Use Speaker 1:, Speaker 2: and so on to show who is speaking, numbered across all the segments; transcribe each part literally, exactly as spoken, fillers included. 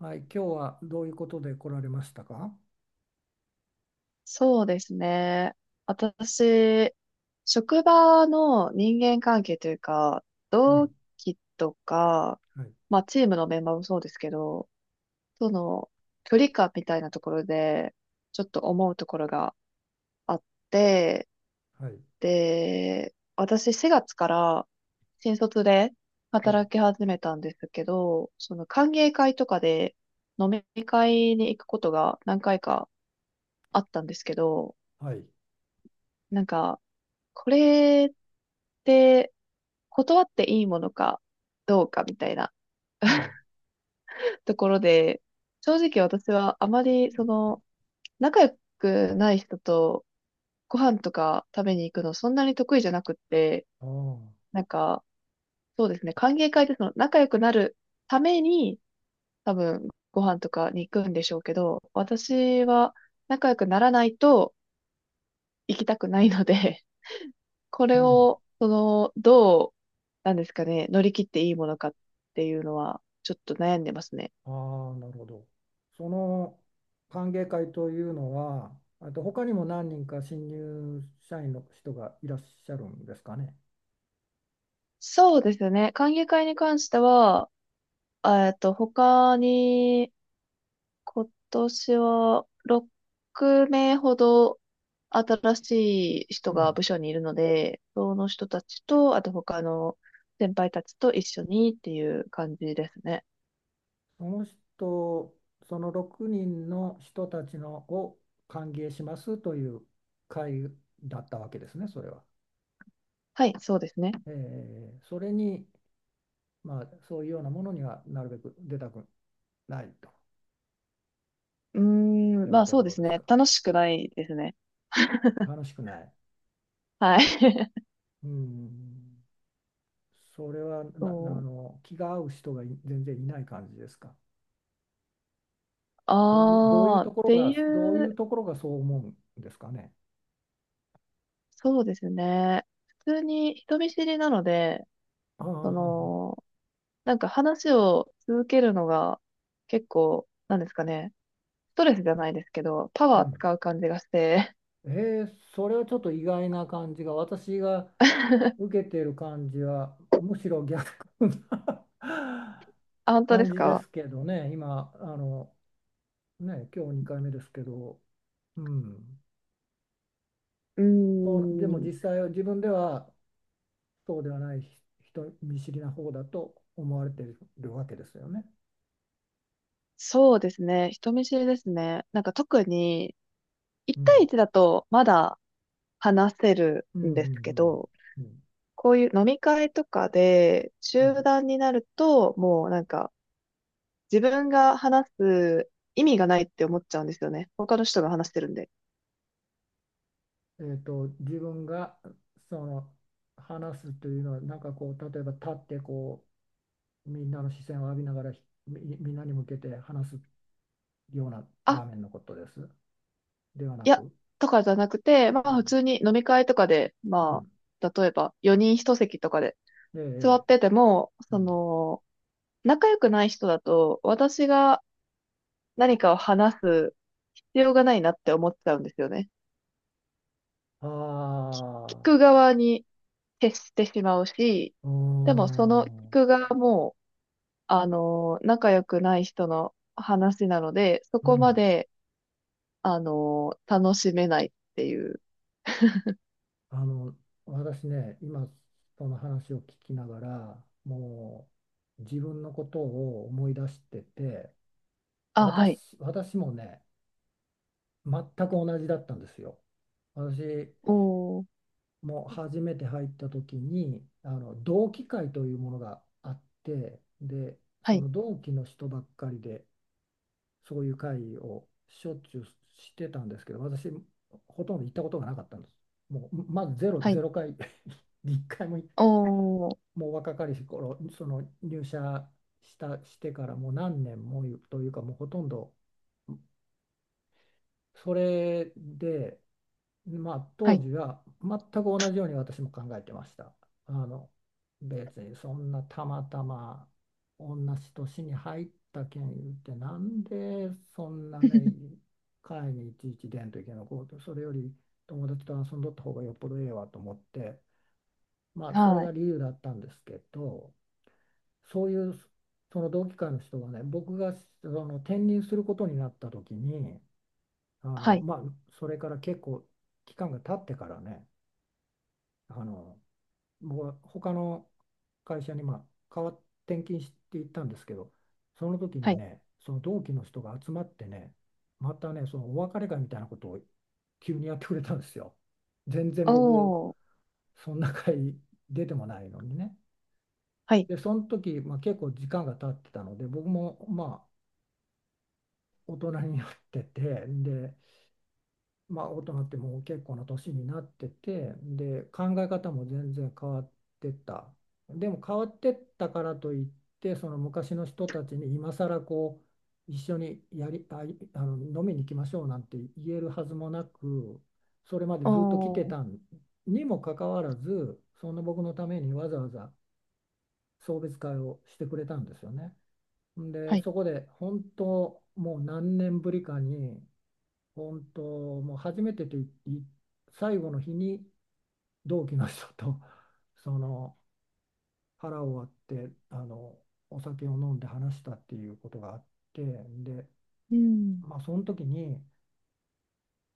Speaker 1: はい、今日はどういうことで来られましたか？
Speaker 2: そうですね。私、職場の人間関係というか、
Speaker 1: う
Speaker 2: 同
Speaker 1: ん、
Speaker 2: 期とか、
Speaker 1: はい、
Speaker 2: まあチームのメンバーもそうですけど、その距離感みたいなところで、ちょっと思うところがあって、
Speaker 1: はい、
Speaker 2: で、私しがつから新卒で
Speaker 1: はい、
Speaker 2: 働き始めたんですけど、その歓迎会とかで飲み会に行くことが何回かあったんですけど、
Speaker 1: はい、
Speaker 2: なんか、これって断っていいものかどうかみたいな
Speaker 1: うん、
Speaker 2: ところで、正直私はあまりその仲良くない人とご飯とか食べに行くのそんなに得意じゃなくって、
Speaker 1: ああ、
Speaker 2: なんかそうですね、歓迎会でその仲良くなるために多分ご飯とかに行くんでしょうけど、私は仲良くならないと行きたくないのでこ
Speaker 1: う
Speaker 2: れ
Speaker 1: ん、
Speaker 2: を、その、どう、なんですかね、乗り切っていいものかっていうのは、ちょっと悩んでますね。
Speaker 1: ああ、なるほど。その歓迎会というのは、あと他にも何人か新入社員の人がいらっしゃるんですかね？
Speaker 2: そうですね。歓迎会に関しては、えっと、他に、今年はろくめい名ほど新しい人
Speaker 1: う
Speaker 2: が
Speaker 1: ん、
Speaker 2: 部署にいるので、その人たちと、あと他の先輩たちと一緒にっていう感じですね。
Speaker 1: その人、そのろくにんの人たちのを歓迎しますという会だったわけですね、それは。
Speaker 2: はい、そうですね。
Speaker 1: えーそれに、まあ、そういうようなものにはなるべく出たくない
Speaker 2: うー
Speaker 1: と
Speaker 2: ん、
Speaker 1: い
Speaker 2: ま
Speaker 1: う
Speaker 2: あ
Speaker 1: と
Speaker 2: そ
Speaker 1: こ
Speaker 2: うで
Speaker 1: ろ
Speaker 2: す
Speaker 1: です
Speaker 2: ね。
Speaker 1: か？
Speaker 2: 楽しくないですね。
Speaker 1: 楽しくない。
Speaker 2: はい。
Speaker 1: うん。それはな、あ
Speaker 2: そう。
Speaker 1: の、気が合う人がい全然いない感じですか？どういう、どういう
Speaker 2: ああ、っ
Speaker 1: ところ
Speaker 2: てい
Speaker 1: が、どういう
Speaker 2: う、
Speaker 1: ところがそう思うんですかね？
Speaker 2: そうですね。普通に人見知りなので、
Speaker 1: ああ、
Speaker 2: そ
Speaker 1: はあはあ、
Speaker 2: の、なんか話を続けるのが結構、なんですかね。ストレスじゃないですけど、パ
Speaker 1: う
Speaker 2: ワー
Speaker 1: ん。
Speaker 2: 使う感じがして。
Speaker 1: えーそれはちょっと意外な感じが、私が 受けてる感じは、むしろ逆な
Speaker 2: あ、本 当で
Speaker 1: 感
Speaker 2: す
Speaker 1: じで
Speaker 2: か？
Speaker 1: すけどね。今、あの、ね、今日にかいめですけど、うん、
Speaker 2: う
Speaker 1: そう。でも
Speaker 2: ー
Speaker 1: 実
Speaker 2: ん。
Speaker 1: 際は自分ではそうではない、ひ人見知りな方だと思われているわけですよね？
Speaker 2: そうですね。人見知りですね。なんか特に、
Speaker 1: う
Speaker 2: いち対
Speaker 1: ん、
Speaker 2: いちだとまだ話せる
Speaker 1: うん、う
Speaker 2: んですけ
Speaker 1: ん、
Speaker 2: ど、
Speaker 1: うん、
Speaker 2: こういう飲み会とかで
Speaker 1: う
Speaker 2: 集団になると、もうなんか、自分が話す意味がないって思っちゃうんですよね。他の人が話してるんで。
Speaker 1: ん、えっと、自分がその話すというのはなんかこう、例えば立ってこうみんなの視線を浴びながらひみ、みんなに向けて話すような
Speaker 2: あ、
Speaker 1: 場面のことです。ではな
Speaker 2: いや、
Speaker 1: く。
Speaker 2: とかじゃなくて、ま
Speaker 1: う
Speaker 2: あ普
Speaker 1: ん、
Speaker 2: 通に飲み会とかで、
Speaker 1: う
Speaker 2: ま
Speaker 1: ん。
Speaker 2: あ、例えばよにん一席とかで
Speaker 1: ええ。
Speaker 2: 座
Speaker 1: ええ、
Speaker 2: ってても、
Speaker 1: う
Speaker 2: そ
Speaker 1: ん、
Speaker 2: の、仲良くない人だと、私が何かを話す必要がないなって思っちゃうんですよね。聞
Speaker 1: あ
Speaker 2: く側に徹してしまうし、
Speaker 1: あ、うー
Speaker 2: でもその聞
Speaker 1: ん。
Speaker 2: く側も、あの、仲良くない人の話なので、そ
Speaker 1: う
Speaker 2: こま
Speaker 1: ん。
Speaker 2: であの、楽しめないっていう。
Speaker 1: あの、私ね、今その話を聞きながら、もう自分のことを思い出してて、
Speaker 2: あ、はい。
Speaker 1: 私、私もね、全く同じだったんですよ。私
Speaker 2: おー、
Speaker 1: も初めて入った時に、あの同期会というものがあって、で、
Speaker 2: は
Speaker 1: そ
Speaker 2: い、
Speaker 1: の同期の人ばっかりで、そういう会をしょっちゅうしてたんですけど、私、ほとんど行ったことがなかったんです。もう、まずゼロ、
Speaker 2: はい。
Speaker 1: ゼロかい、いっかいも。
Speaker 2: おー、
Speaker 1: もう若かりし頃、その入社した、してからもう何年もというか、もうほとんど。それで、まあ、
Speaker 2: は
Speaker 1: 当
Speaker 2: い、
Speaker 1: 時は全く同じように私も考えてました。あの、別にそんなたまたま同じ年に入ったけん言って、なんでそんなね、会にいちいち出んといけないのこうと、それより友達と遊んどった方がよっぽどええわと思って、まあ、それ
Speaker 2: はい、
Speaker 1: が理由だったんですけど、そういうその同期会の人がね、僕がその転任することになった時に、あ
Speaker 2: は
Speaker 1: の、
Speaker 2: い、
Speaker 1: まあ、それから結構期間が経ってからね、あの、僕は他の会社に、まあ、変わっ転勤していったんですけど、その時
Speaker 2: は
Speaker 1: に
Speaker 2: い。
Speaker 1: ね、その同期の人が集まってね、またね、そのお別れ会みたいなことを急にやってくれたんですよ。全然
Speaker 2: お
Speaker 1: 僕、
Speaker 2: ー、
Speaker 1: そんな会出てもないのにね。
Speaker 2: はい、
Speaker 1: で、その時、まあ、結構時間が経ってたので、僕もま大人になってて、で、まあ、大人ってもう結構な年になってて、で、考え方も全然変わってった。でも変わってったからといって、その昔の人たちに今更こう一緒にやりあいあの飲みに行きましょうなんて言えるはずもなく、それまで
Speaker 2: お
Speaker 1: ずっと来て
Speaker 2: ー、
Speaker 1: たにもかかわらず、そんな僕のためにわざわざ送別会をしてくれたんですよね。
Speaker 2: は
Speaker 1: で、
Speaker 2: い。
Speaker 1: そこで本当もう何年ぶりかに、本当、もう初めてと言い最後の日に同期の人と、 その腹を割って、あのお酒を飲んで話したっていうことがあって。で、
Speaker 2: うん、
Speaker 1: まあ、その時に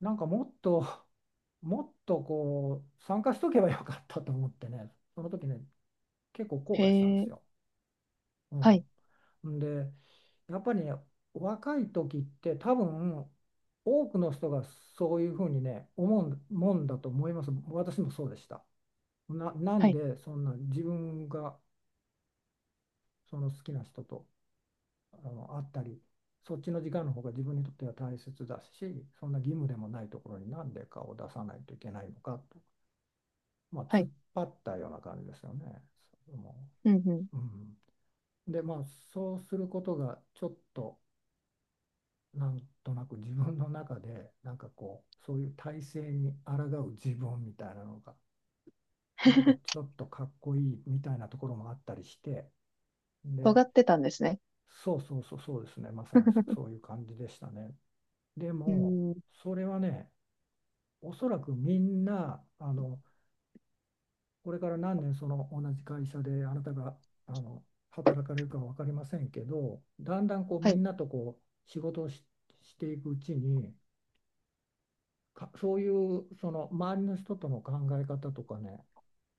Speaker 1: なんかもっと もっとこう参加しとけばよかったと思ってね、その時ね結構後悔したんで
Speaker 2: へ
Speaker 1: す
Speaker 2: ー、
Speaker 1: よ。
Speaker 2: はい、
Speaker 1: うん、んで、やっぱりね、若い時って多分多くの人がそういうふうにね、思うもんだと思います。私もそうでした。な、な
Speaker 2: は
Speaker 1: ん
Speaker 2: い、
Speaker 1: でそんな自分がその好きな人と、あの会ったり、そっちの時間の方が自分にとっては大切だし、そんな義務でもないところになんで顔を出さないといけないのかと、まあ、
Speaker 2: は
Speaker 1: 突っ
Speaker 2: い。
Speaker 1: 張ったような感じですよね。も
Speaker 2: うん、うん。
Speaker 1: う、うん、で、まあ、そうすることがちょっとなんとなく自分の中でなんかこうそういう体制に抗う自分みたいなのがなんかち ょっとかっこいいみたいなところもあったりして、で、
Speaker 2: 尖ってたんですね。
Speaker 1: そうそうそうそうですね、まさにそ、そういう感じでしたね。で
Speaker 2: う
Speaker 1: も
Speaker 2: ん、
Speaker 1: それはね、おそらくみんな、あの、これから何年その同じ会社であなたがあの働かれるかは分かりませんけど、だんだんこう
Speaker 2: は
Speaker 1: みん
Speaker 2: い、
Speaker 1: なとこう仕事をし、していくうちに、かそういうその周りの人との考え方とかね、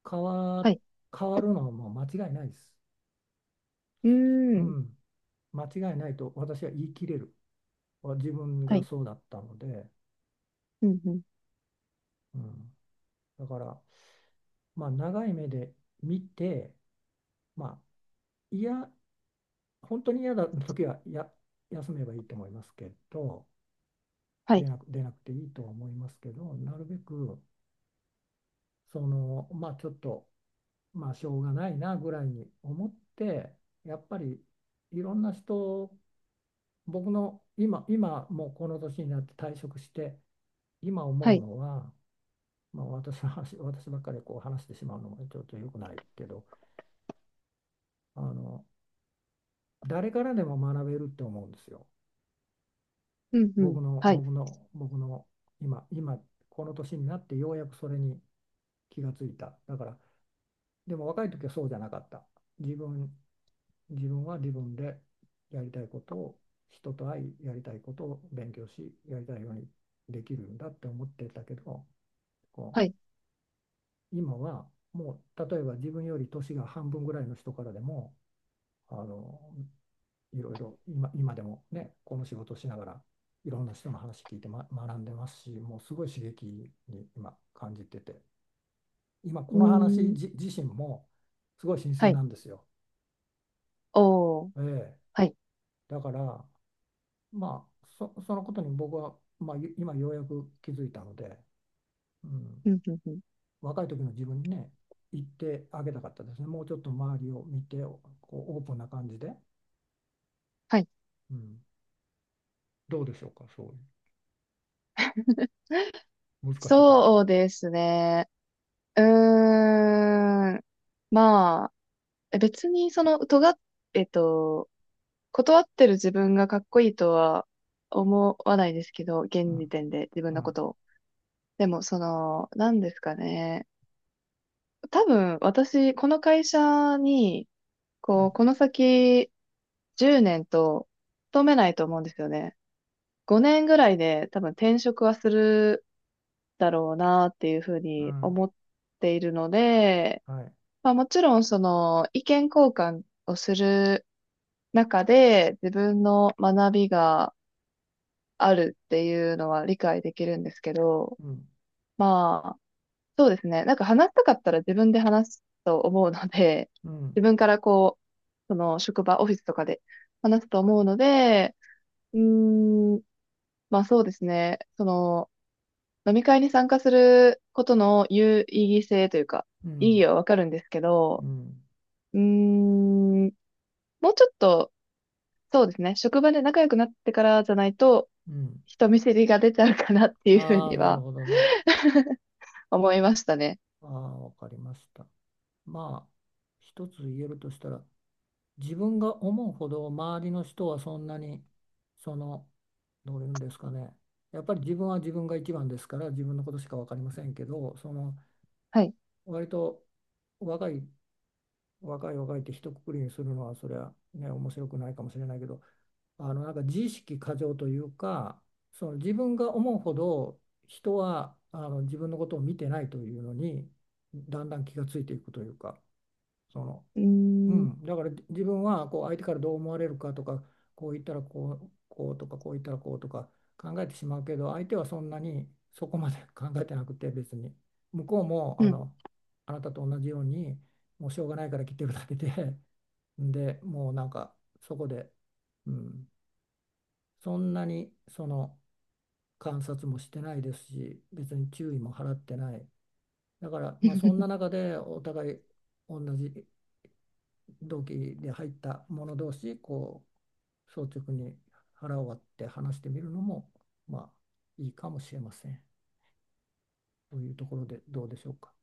Speaker 1: 変
Speaker 2: は
Speaker 1: わ、
Speaker 2: い。
Speaker 1: 変わるのはもう間違いないです。
Speaker 2: うー
Speaker 1: う
Speaker 2: ん、
Speaker 1: ん、間違いないと私は言い切れる。自分
Speaker 2: は
Speaker 1: が
Speaker 2: い、
Speaker 1: そうだったので、
Speaker 2: うん、うん、
Speaker 1: うん、だから、まあ、長い目で見て、まあ、いや、本当に嫌だ時はや休めばいいと思いますけど、
Speaker 2: は
Speaker 1: 出
Speaker 2: い、
Speaker 1: なく、出なくていいとは思いますけど、なるべくその、まあ、ちょっと、まあ、しょうがないなぐらいに思って、やっぱりいろんな人、僕の今今もうこの年になって退職して今思
Speaker 2: は
Speaker 1: う
Speaker 2: い、
Speaker 1: のは、まあ、私の話、私ばっかりこう話してしまうのもちょっと良くないけど、あの、誰からでも学べるって思うんですよ。
Speaker 2: うん、うん、
Speaker 1: 僕の
Speaker 2: はい、
Speaker 1: 僕の僕の今今この年になってようやくそれに気がついた。だから、でも若い時はそうじゃなかった。自分自分は自分でやりたいことを、人と会い、やりたいことを勉強し、やりたいようにできるんだって思ってたけど、こ
Speaker 2: はい、
Speaker 1: う今はもう、例えば自分より年が半分ぐらいの人からでも、あの、いろいろ今今でもね、この仕事をしながらいろんな人の話聞いて、ま、学んでますし、もうすごい刺激に今感じてて、今
Speaker 2: う
Speaker 1: こ
Speaker 2: ー
Speaker 1: の話
Speaker 2: ん、
Speaker 1: じ自身もすごい新
Speaker 2: は
Speaker 1: 鮮
Speaker 2: い、
Speaker 1: なんですよ。
Speaker 2: おー、
Speaker 1: え
Speaker 2: はい、
Speaker 1: ーだから、まあ、そ、そのことに僕は、まあ、ゆ今ようやく気づいたので、うん、
Speaker 2: うん、うん、うん。
Speaker 1: 若い時の自分にね、言ってあげたかったですね。もうちょっと周りを見て、こうオープンな感じで、
Speaker 2: はい。
Speaker 1: うん、どうでしょうか、そういう。難しいかも。
Speaker 2: そうですね。うーん。まあ、え別にその、尖っ、えっと、断ってる自分がかっこいいとは思わないですけど、
Speaker 1: う
Speaker 2: 現時
Speaker 1: ん、
Speaker 2: 点で自分
Speaker 1: う
Speaker 2: のこ
Speaker 1: ん、
Speaker 2: とを。でも、その、なんですかね。多分、私、この会社に、
Speaker 1: う
Speaker 2: こう、
Speaker 1: ん、
Speaker 2: この先、じゅうねんと勤めないと思うんですよね。ごねんぐらいで多分転職はするだろうなっていうふう
Speaker 1: う
Speaker 2: に
Speaker 1: ん、
Speaker 2: 思っているので、
Speaker 1: はい。
Speaker 2: まあ、もちろんその意見交換をする中で自分の学びがあるっていうのは理解できるんですけど、
Speaker 1: うん、
Speaker 2: まあそうですね。なんか話したかったら自分で話すと思うので、
Speaker 1: う
Speaker 2: 自
Speaker 1: ん、
Speaker 2: 分からこう、その職場、オフィスとかで話すと思うので、うーん、まあそうですね。その飲み会に参加することの有意義性というか、
Speaker 1: う
Speaker 2: 意
Speaker 1: ん、
Speaker 2: 義はわかるんですけ
Speaker 1: う
Speaker 2: ど、
Speaker 1: ん、
Speaker 2: うーん、もうちょっとそうですね。職場で仲良くなってからじゃないと、
Speaker 1: うん。
Speaker 2: 人見知りが出ちゃうかなっていうふう
Speaker 1: ああ、
Speaker 2: に
Speaker 1: なる
Speaker 2: は
Speaker 1: ほどね。
Speaker 2: 思いましたね。
Speaker 1: ああ、わかりました。まあ、一つ言えるとしたら、自分が思うほど周りの人はそんなに、その、どういうんですかね、やっぱり自分は自分が一番ですから自分のことしか分かりませんけど、その
Speaker 2: はい。
Speaker 1: 割と若い、若い若いって一括りにするのはそれはね面白くないかもしれないけど、あの、なんか自意識過剰というか、その、自分が思うほど人はあの自分のことを見てないというのに、だんだん気がついていくというか。その、
Speaker 2: う
Speaker 1: う
Speaker 2: ーん。
Speaker 1: ん、だから自分はこう相手からどう思われるかとか、こう言ったらこう、こうとか、こう言ったらこうとか考えてしまうけど、相手はそんなにそこまで 考えてなくて、別に向こうも、
Speaker 2: う
Speaker 1: あ
Speaker 2: ん
Speaker 1: の、あなたと同じようにもうしょうがないから来てるだけで、で、もうなんか、そこで、うん、そんなにその観察もしてないですし、別に注意も払ってない。だから、まあ、そんな中でお互い、同じ同期で入った者同士こう率直に腹を割って話してみるのも、まあ、いいかもしれません。というところでどうでしょうか？